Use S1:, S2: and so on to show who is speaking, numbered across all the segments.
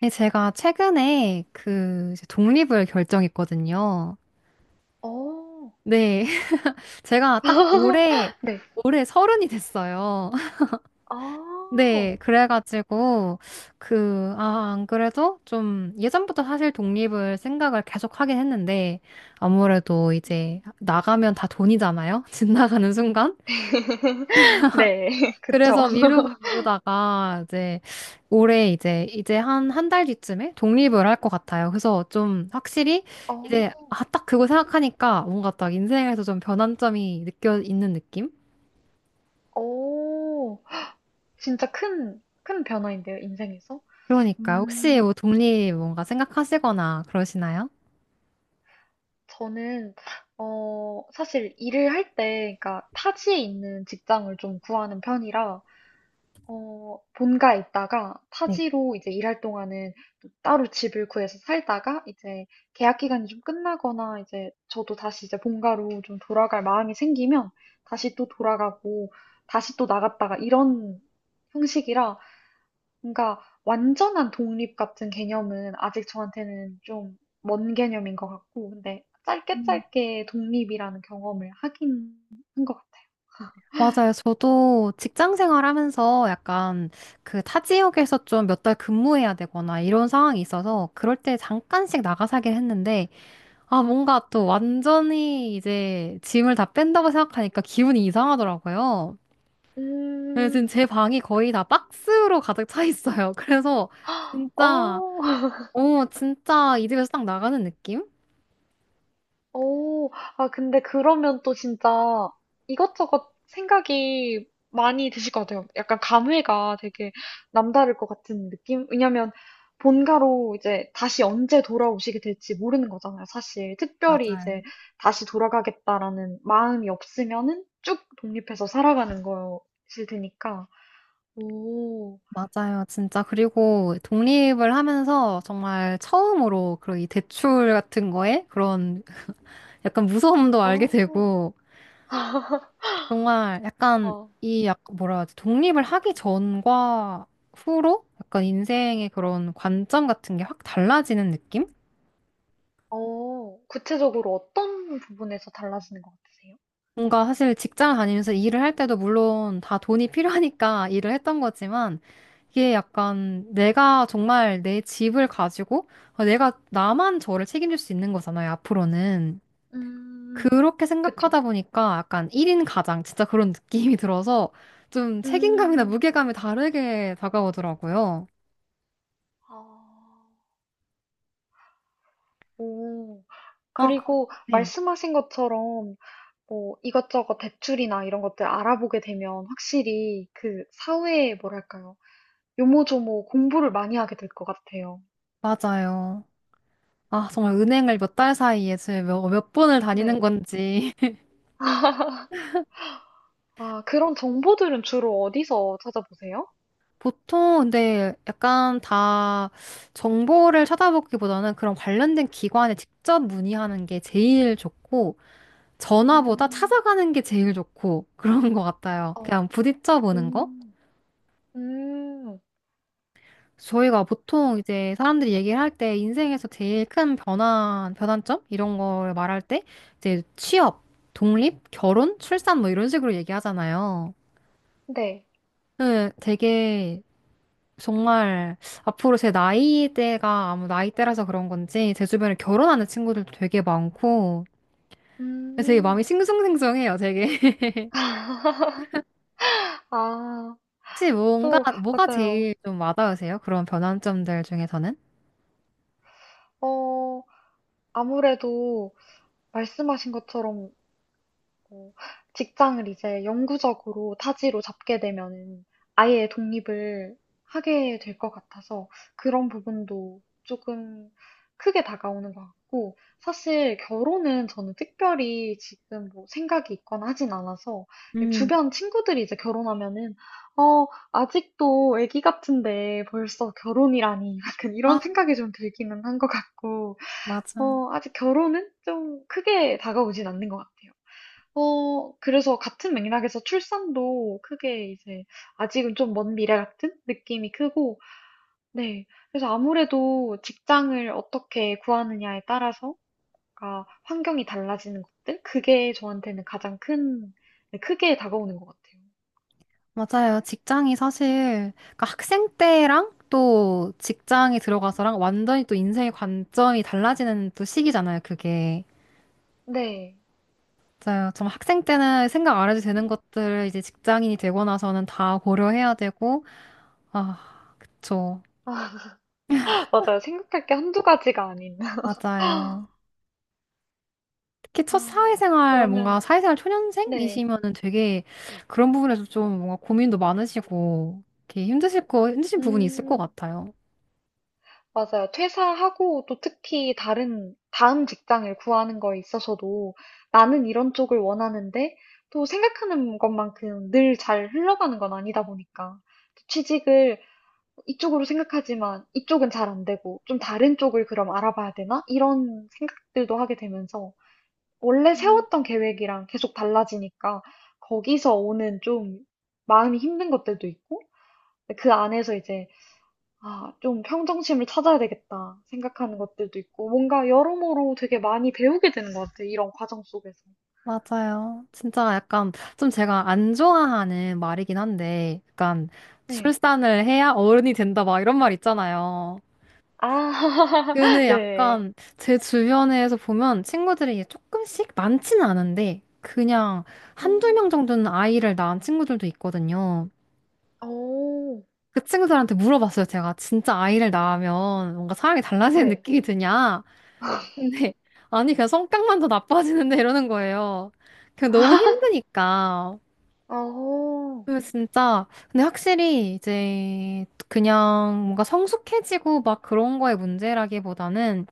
S1: 네, 제가 최근에 그 이제 독립을 결정했거든요.
S2: 어.
S1: 네, 제가 딱 올해,
S2: 네.
S1: 올해 서른이 됐어요.
S2: 아.
S1: 네, 그래가지고 그, 아, 안 그래도 좀 예전부터 사실 독립을 생각을 계속 하긴 했는데 아무래도 이제
S2: 음.
S1: 나가면 다 돈이잖아요. 집 나가는 순간.
S2: 네. 그쵸.
S1: 그래서 미루고 미루다가 이제 올해 이제 한 한 달 뒤쯤에 독립을 할 것 같아요. 그래서 좀 확실히
S2: 어.
S1: 이제 아, 딱 그거 생각하니까 뭔가 딱 인생에서 좀 변환점이 느껴 있는 느낌?
S2: 오. 진짜 큰, 큰 변화인데요, 인생에서.
S1: 그러니까 혹시 뭐
S2: 음.
S1: 독립 뭔가 생각하시거나 그러시나요?
S2: 저는 사실 일을 할 때, 그러니까 타지에 있는 직장을 좀 구하는 편이라 어, 본가에 있다가
S1: 네.
S2: 타지로 이제 일할 동안은 또 따로 집을 구해서 살다가, 이제 계약 기간이 좀 끝나거나 이제 저도 다시 이제 본가로 좀 돌아갈 마음이 생기면 다시 또 돌아가고, 다시 또 나갔다가, 이런 형식이라 뭔가 완전한 독립 같은 개념은 아직 저한테는 좀 먼 개념인 것 같고, 근데 짧게
S1: 음.
S2: 짧게 독립이라는 경험을 하긴 한 것 같아요.
S1: 맞아요. 저도 직장 생활하면서 약간 그 타 지역에서 좀 몇 달 근무해야 되거나 이런 상황이 있어서 그럴 때 잠깐씩 나가 살긴 했는데 아, 뭔가 또 완전히 이제 짐을 다 뺀다고 생각하니까 기분이 이상하더라고요. 네, 지금
S2: 음,
S1: 제 방이 거의 다 박스로 가득 차 있어요. 그래서 진짜,
S2: 어,
S1: 어, 진짜 이 집에서 딱 나가는 느낌?
S2: 오, 아, 근데 그러면 또 진짜 이것저것 생각이 많이 드실 것 같아요. 약간 감회가 되게 남다를 것 같은 느낌? 왜냐면 본가로 이제 다시 언제 돌아오시게 될지 모르는 거잖아요, 사실. 특별히 이제
S1: 맞아요.
S2: 다시 돌아가겠다라는 마음이 없으면은 쭉 독립해서 살아가는 거실 테니까. 오,
S1: 맞아요, 진짜. 그리고 독립을 하면서 정말 처음으로 그런 이 대출 같은 거에 그런 약간 무서움도 알게
S2: 어,
S1: 되고, 정말 약간
S2: 와.
S1: 이 약 뭐라 하지 독립을 하기 전과 후로 약간 인생의 그런 관점 같은 게 확 달라지는 느낌?
S2: 어, 구체적으로 어떤 부분에서 달라지는 것 같으세요?
S1: 뭔가 사실 직장 다니면서 일을 할 때도 물론 다 돈이 필요하니까 일을 했던 거지만 이게 약간 내가 정말 내 집을 가지고 어, 내가 나만 저를 책임질 수 있는 거잖아요, 앞으로는.
S2: 음.
S1: 그렇게
S2: 그쵸.
S1: 생각하다 보니까 약간 1인 가장 진짜 그런 느낌이 들어서 좀 책임감이나
S2: 음.
S1: 무게감이 다르게 다가오더라고요.
S2: 아. 오.
S1: 아,
S2: 그리고
S1: 네.
S2: 말씀하신 것처럼 뭐 이것저것 대출이나 이런 것들 알아보게 되면 확실히 그 사회에 뭐랄까요? 요모조모 공부를 많이 하게 될 것 같아요.
S1: 맞아요. 아, 정말 은행을 몇 달 사이에 제가 몇 번을 다니는
S2: 네.
S1: 건지.
S2: 아, 그런 정보들은 주로 어디서 찾아보세요?
S1: 보통 근데 약간 다 정보를 찾아보기보다는 그런 관련된 기관에 직접 문의하는 게 제일 좋고, 전화보다
S2: 음.
S1: 찾아가는 게 제일 좋고, 그런 것 같아요.
S2: 어.
S1: 그냥 부딪혀 보는 거?
S2: 음. 음.
S1: 저희가
S2: 아이고.
S1: 보통 이제 사람들이 얘기를 할 때 인생에서 제일 큰 변화, 변환점? 이런 걸 말할 때 이제 취업, 독립, 결혼, 출산 뭐 이런 식으로 얘기하잖아요.
S2: 네.
S1: 네, 되게 정말 앞으로 제 나이대가 아무 나이대라서 그런 건지 제 주변에 결혼하는 친구들도 되게 많고 되게 마음이
S2: 음.
S1: 싱숭생숭해요, 되게.
S2: 아.
S1: 혹시 뭔가,
S2: 또
S1: 뭐가
S2: 맞아요.
S1: 제일 좀 와닿으세요? 그런 변환점들 중에서는?
S2: 어. 아무래도 말씀하신 것처럼 어, 직장을 이제 영구적으로 타지로 잡게 되면은 아예 독립을 하게 될 것 같아서 그런 부분도 조금 크게 다가오는 것 같고, 사실 결혼은 저는 특별히 지금 뭐 생각이 있거나 하진 않아서
S1: 음,
S2: 주변 친구들이 이제 결혼하면은 어 아직도 아기 같은데 벌써 결혼이라니 약간 이런
S1: 아,
S2: 생각이 좀 들기는 한 것 같고,
S1: 맞아.
S2: 어, 아직 결혼은 좀 크게 다가오진 않는 것 같아요. 어, 그래서 같은 맥락에서 출산도 크게 이제 아직은 좀 먼 미래 같은 느낌이 크고, 네. 그래서 아무래도 직장을 어떻게 구하느냐에 따라서, 가 환경이 달라지는 것들? 그게 저한테는 가장 큰, 네, 크게 다가오는 것 같아요.
S1: 맞아요. 직장이 사실, 그러니까 학생 때랑 또 직장에 들어가서랑 완전히 또 인생의 관점이 달라지는 또 시기잖아요, 그게.
S2: 네.
S1: 맞아요. 정말 학생 때는 생각 안 해도 되는 것들을 이제 직장인이 되고 나서는 다 고려해야 되고, 아, 그쵸.
S2: 맞아요. 생각할 게 한두 가지가 아닌.
S1: 맞아요. 특히 첫
S2: 아,
S1: 사회생활, 뭔가
S2: 그러면,
S1: 사회생활
S2: 네.
S1: 초년생이시면은 되게 그런 부분에서 좀 뭔가 고민도 많으시고, 이렇게 힘드신 부분이 있을 것
S2: 음.
S1: 같아요.
S2: 맞아요. 퇴사하고 또 특히 다른, 다음 직장을 구하는 거에 있어서도 나는 이런 쪽을 원하는데 또 생각하는 것만큼 늘 잘 흘러가는 건 아니다 보니까 또 취직을 이쪽으로 생각하지만 이쪽은 잘 안 되고 좀 다른 쪽을 그럼 알아봐야 되나? 이런 생각들도 하게 되면서 원래 세웠던 계획이랑 계속 달라지니까 거기서 오는 좀 마음이 힘든 것들도 있고, 그 안에서 이제 아, 좀 평정심을 찾아야 되겠다 생각하는 것들도 있고, 뭔가 여러모로 되게 많이 배우게 되는 것 같아요, 이런 과정 속에서.
S1: 맞아요. 진짜 약간 좀 제가 안 좋아하는 말이긴 한데, 약간
S2: 네.
S1: 출산을 해야 어른이 된다 막 이런 말 있잖아요.
S2: 아,
S1: 근데
S2: 네.
S1: 약간 제 주변에서 보면 친구들이 이게 조금씩 많지는 않은데, 그냥 한두
S2: 음,
S1: 명 정도는 아이를 낳은 친구들도 있거든요.
S2: 오,
S1: 그 친구들한테 물어봤어요. 제가 진짜 아이를 낳으면 뭔가 사람이 달라지는
S2: 네.
S1: 느낌이 드냐? 근데 아니 그냥 성격만 더 나빠지는데 이러는 거예요. 그냥 너무 힘드니까.
S2: 어,
S1: 그 진짜 근데 확실히 이제 그냥 뭔가 성숙해지고 막 그런 거의 문제라기보다는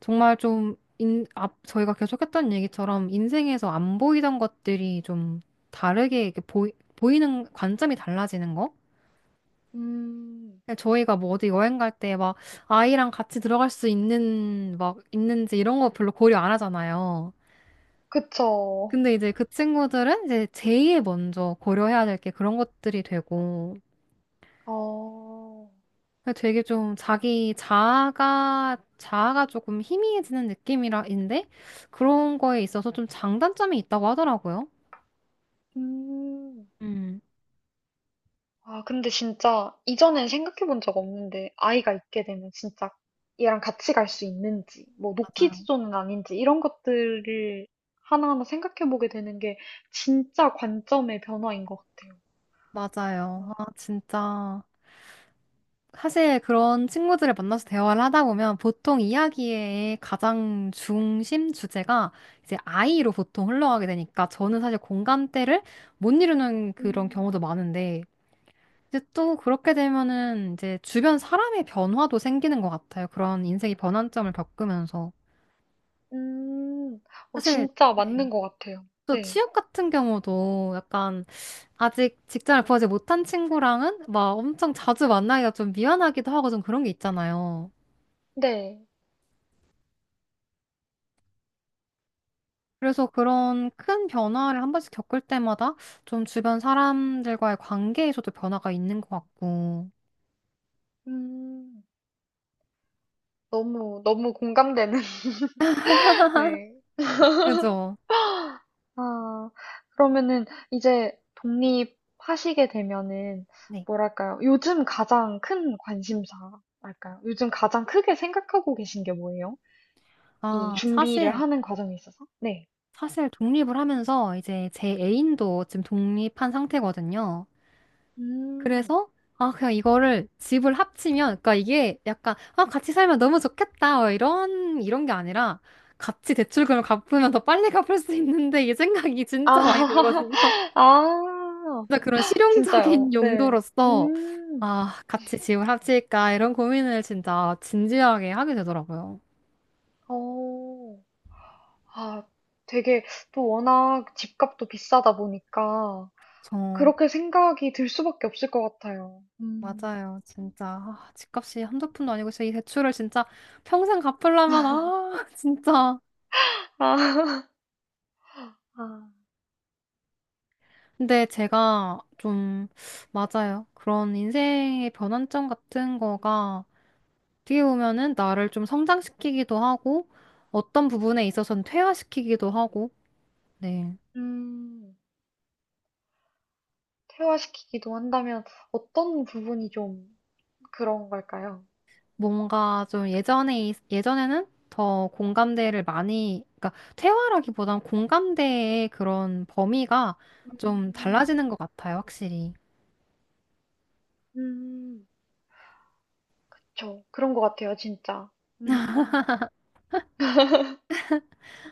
S1: 정말 좀 저희가 계속했던 얘기처럼 인생에서 안 보이던 것들이 좀 다르게 이렇게 보이는 관점이 달라지는 거?
S2: 음,
S1: 저희가 뭐 어디 여행 갈 때 막 아이랑 같이 들어갈 수 있는 막 있는지 이런 거 별로 고려 안 하잖아요.
S2: 그쵸.
S1: 근데 이제 그 친구들은 이제 제일 먼저 고려해야 될 게 그런 것들이 되고
S2: 어,
S1: 근데 되게 좀 자기 자아가 조금 희미해지는 느낌이라인데, 그런 거에 있어서 좀 장단점이 있다고 하더라고요.
S2: 음.
S1: 음,
S2: 아, 근데 진짜 이전엔 생각해 본 적 없는데 아이가 있게 되면 진짜 얘랑 같이 갈 수 있는지, 뭐 노키즈
S1: 맞아요.
S2: 존은 아닌지 이런 것들을 하나하나 생각해 보게 되는 게 진짜 관점의 변화인 것 같아요. 아.
S1: 맞아요. 아, 진짜. 사실 그런 친구들을 만나서 대화를 하다 보면 보통 이야기의 가장 중심 주제가 이제 아이로 보통 흘러가게 되니까 저는 사실 공감대를 못 이루는 그런 경우도
S2: 음.
S1: 많은데 이제 또 그렇게 되면은 이제 주변 사람의 변화도 생기는 것 같아요. 그런 인생의 변환점을 겪으면서.
S2: 음, 어,
S1: 사실,
S2: 진짜
S1: 네.
S2: 맞는 것 같아요.
S1: 또
S2: 네.
S1: 취업 같은 경우도 약간 아직 직장을 구하지 못한 친구랑은 막 엄청 자주 만나기가 좀 미안하기도 하고 좀 그런 게 있잖아요.
S2: 네.
S1: 그래서 그런 큰 변화를 한 번씩 겪을 때마다 좀 주변 사람들과의 관계에서도 변화가 있는 것 같고.
S2: 음, 너무, 너무 공감되는. 네.
S1: 그죠?
S2: 아, 그러면은 이제 독립하시게 되면은
S1: 네.
S2: 뭐랄까요? 요즘 가장 큰 관심사랄까요? 요즘 가장 크게 생각하고 계신 게 뭐예요? 이
S1: 아,
S2: 준비를
S1: 사실
S2: 하는 과정에 있어서? 네.
S1: 사실 독립을 하면서 이제 제 애인도 지금 독립한 상태거든요.
S2: 음.
S1: 그래서 아 그냥 이거를 집을 합치면 그러니까 이게 약간 아 같이 살면 너무 좋겠다 어, 이런 게 아니라 같이 대출금을 갚으면 더 빨리 갚을 수 있는데 이 생각이 진짜 많이
S2: 아,
S1: 들거든요.
S2: 아,
S1: 진짜 그런
S2: 진짜요?
S1: 실용적인
S2: 네.
S1: 용도로서
S2: 음.
S1: 아 같이 집을 합칠까 이런 고민을 진짜 진지하게 하게 되더라고요.
S2: 어. 아, 되게 또 워낙 집값도 비싸다 보니까
S1: 저
S2: 그렇게 생각이 들 수밖에 없을 것 같아요. 음.
S1: 맞아요. 진짜 아, 집값이 한두 푼도 아니고 진짜 이 대출을 진짜 평생 갚으려면 아 진짜.
S2: 아. 아,
S1: 근데 제가 좀 맞아요. 그런 인생의 변환점 같은 거가 어떻게 보면은 나를 좀 성장시키기도 하고 어떤 부분에 있어서는 퇴화시키기도 하고 네.
S2: 음, 퇴화시키기도 한다면 어떤 부분이 좀 그런 걸까요?
S1: 뭔가 좀 예전에 예전에는 더 공감대를 많이 그러니까 퇴화라기보단 공감대의 그런 범위가 좀
S2: 음,
S1: 달라지는 것 같아요, 확실히.
S2: 음, 저 그런 것 같아요, 진짜. 음.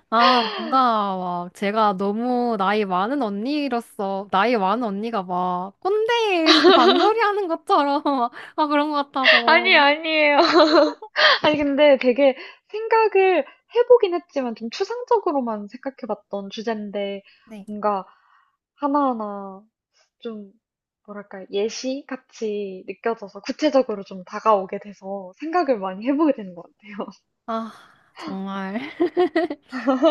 S1: 아, 뭔가, 막, 제가 너무 나이 많은 언니로서, 나이 많은 언니가 막, 꼰대에서 잔소리 하는 것처럼, 막, 아, 그런 것
S2: 아니,
S1: 같아서.
S2: 아니에요. 아니, 근데 되게 생각을 해보긴 했지만 좀 추상적으로만 생각해봤던 주제인데
S1: 네.
S2: 뭔가 하나하나 좀 뭐랄까 예시 같이 느껴져서 구체적으로 좀 다가오게 돼서 생각을 많이 해보게 되는 것 같아요.
S1: 아, 정말.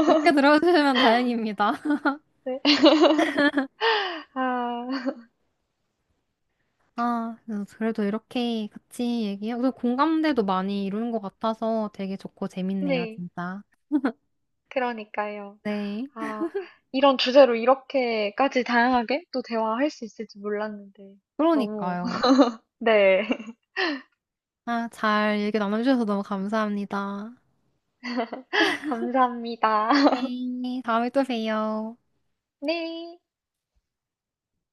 S1: 그렇게 들어주시면 다행입니다.
S2: 네. 아.
S1: 아, 그래도 이렇게 같이 얘기하고, 공감대도 많이 이루는 것 같아서 되게 좋고 재밌네요,
S2: 네.
S1: 진짜.
S2: 그러니까요.
S1: 네.
S2: 아 이런 주제로 이렇게까지 다양하게 또 대화할 수 있을지 몰랐는데 너무
S1: 그러니까요.
S2: 네.
S1: 아, 잘 얘기 나눠주셔서 너무 감사합니다.
S2: 감사합니다.
S1: 네. 다음에 또 봬요.
S2: 네.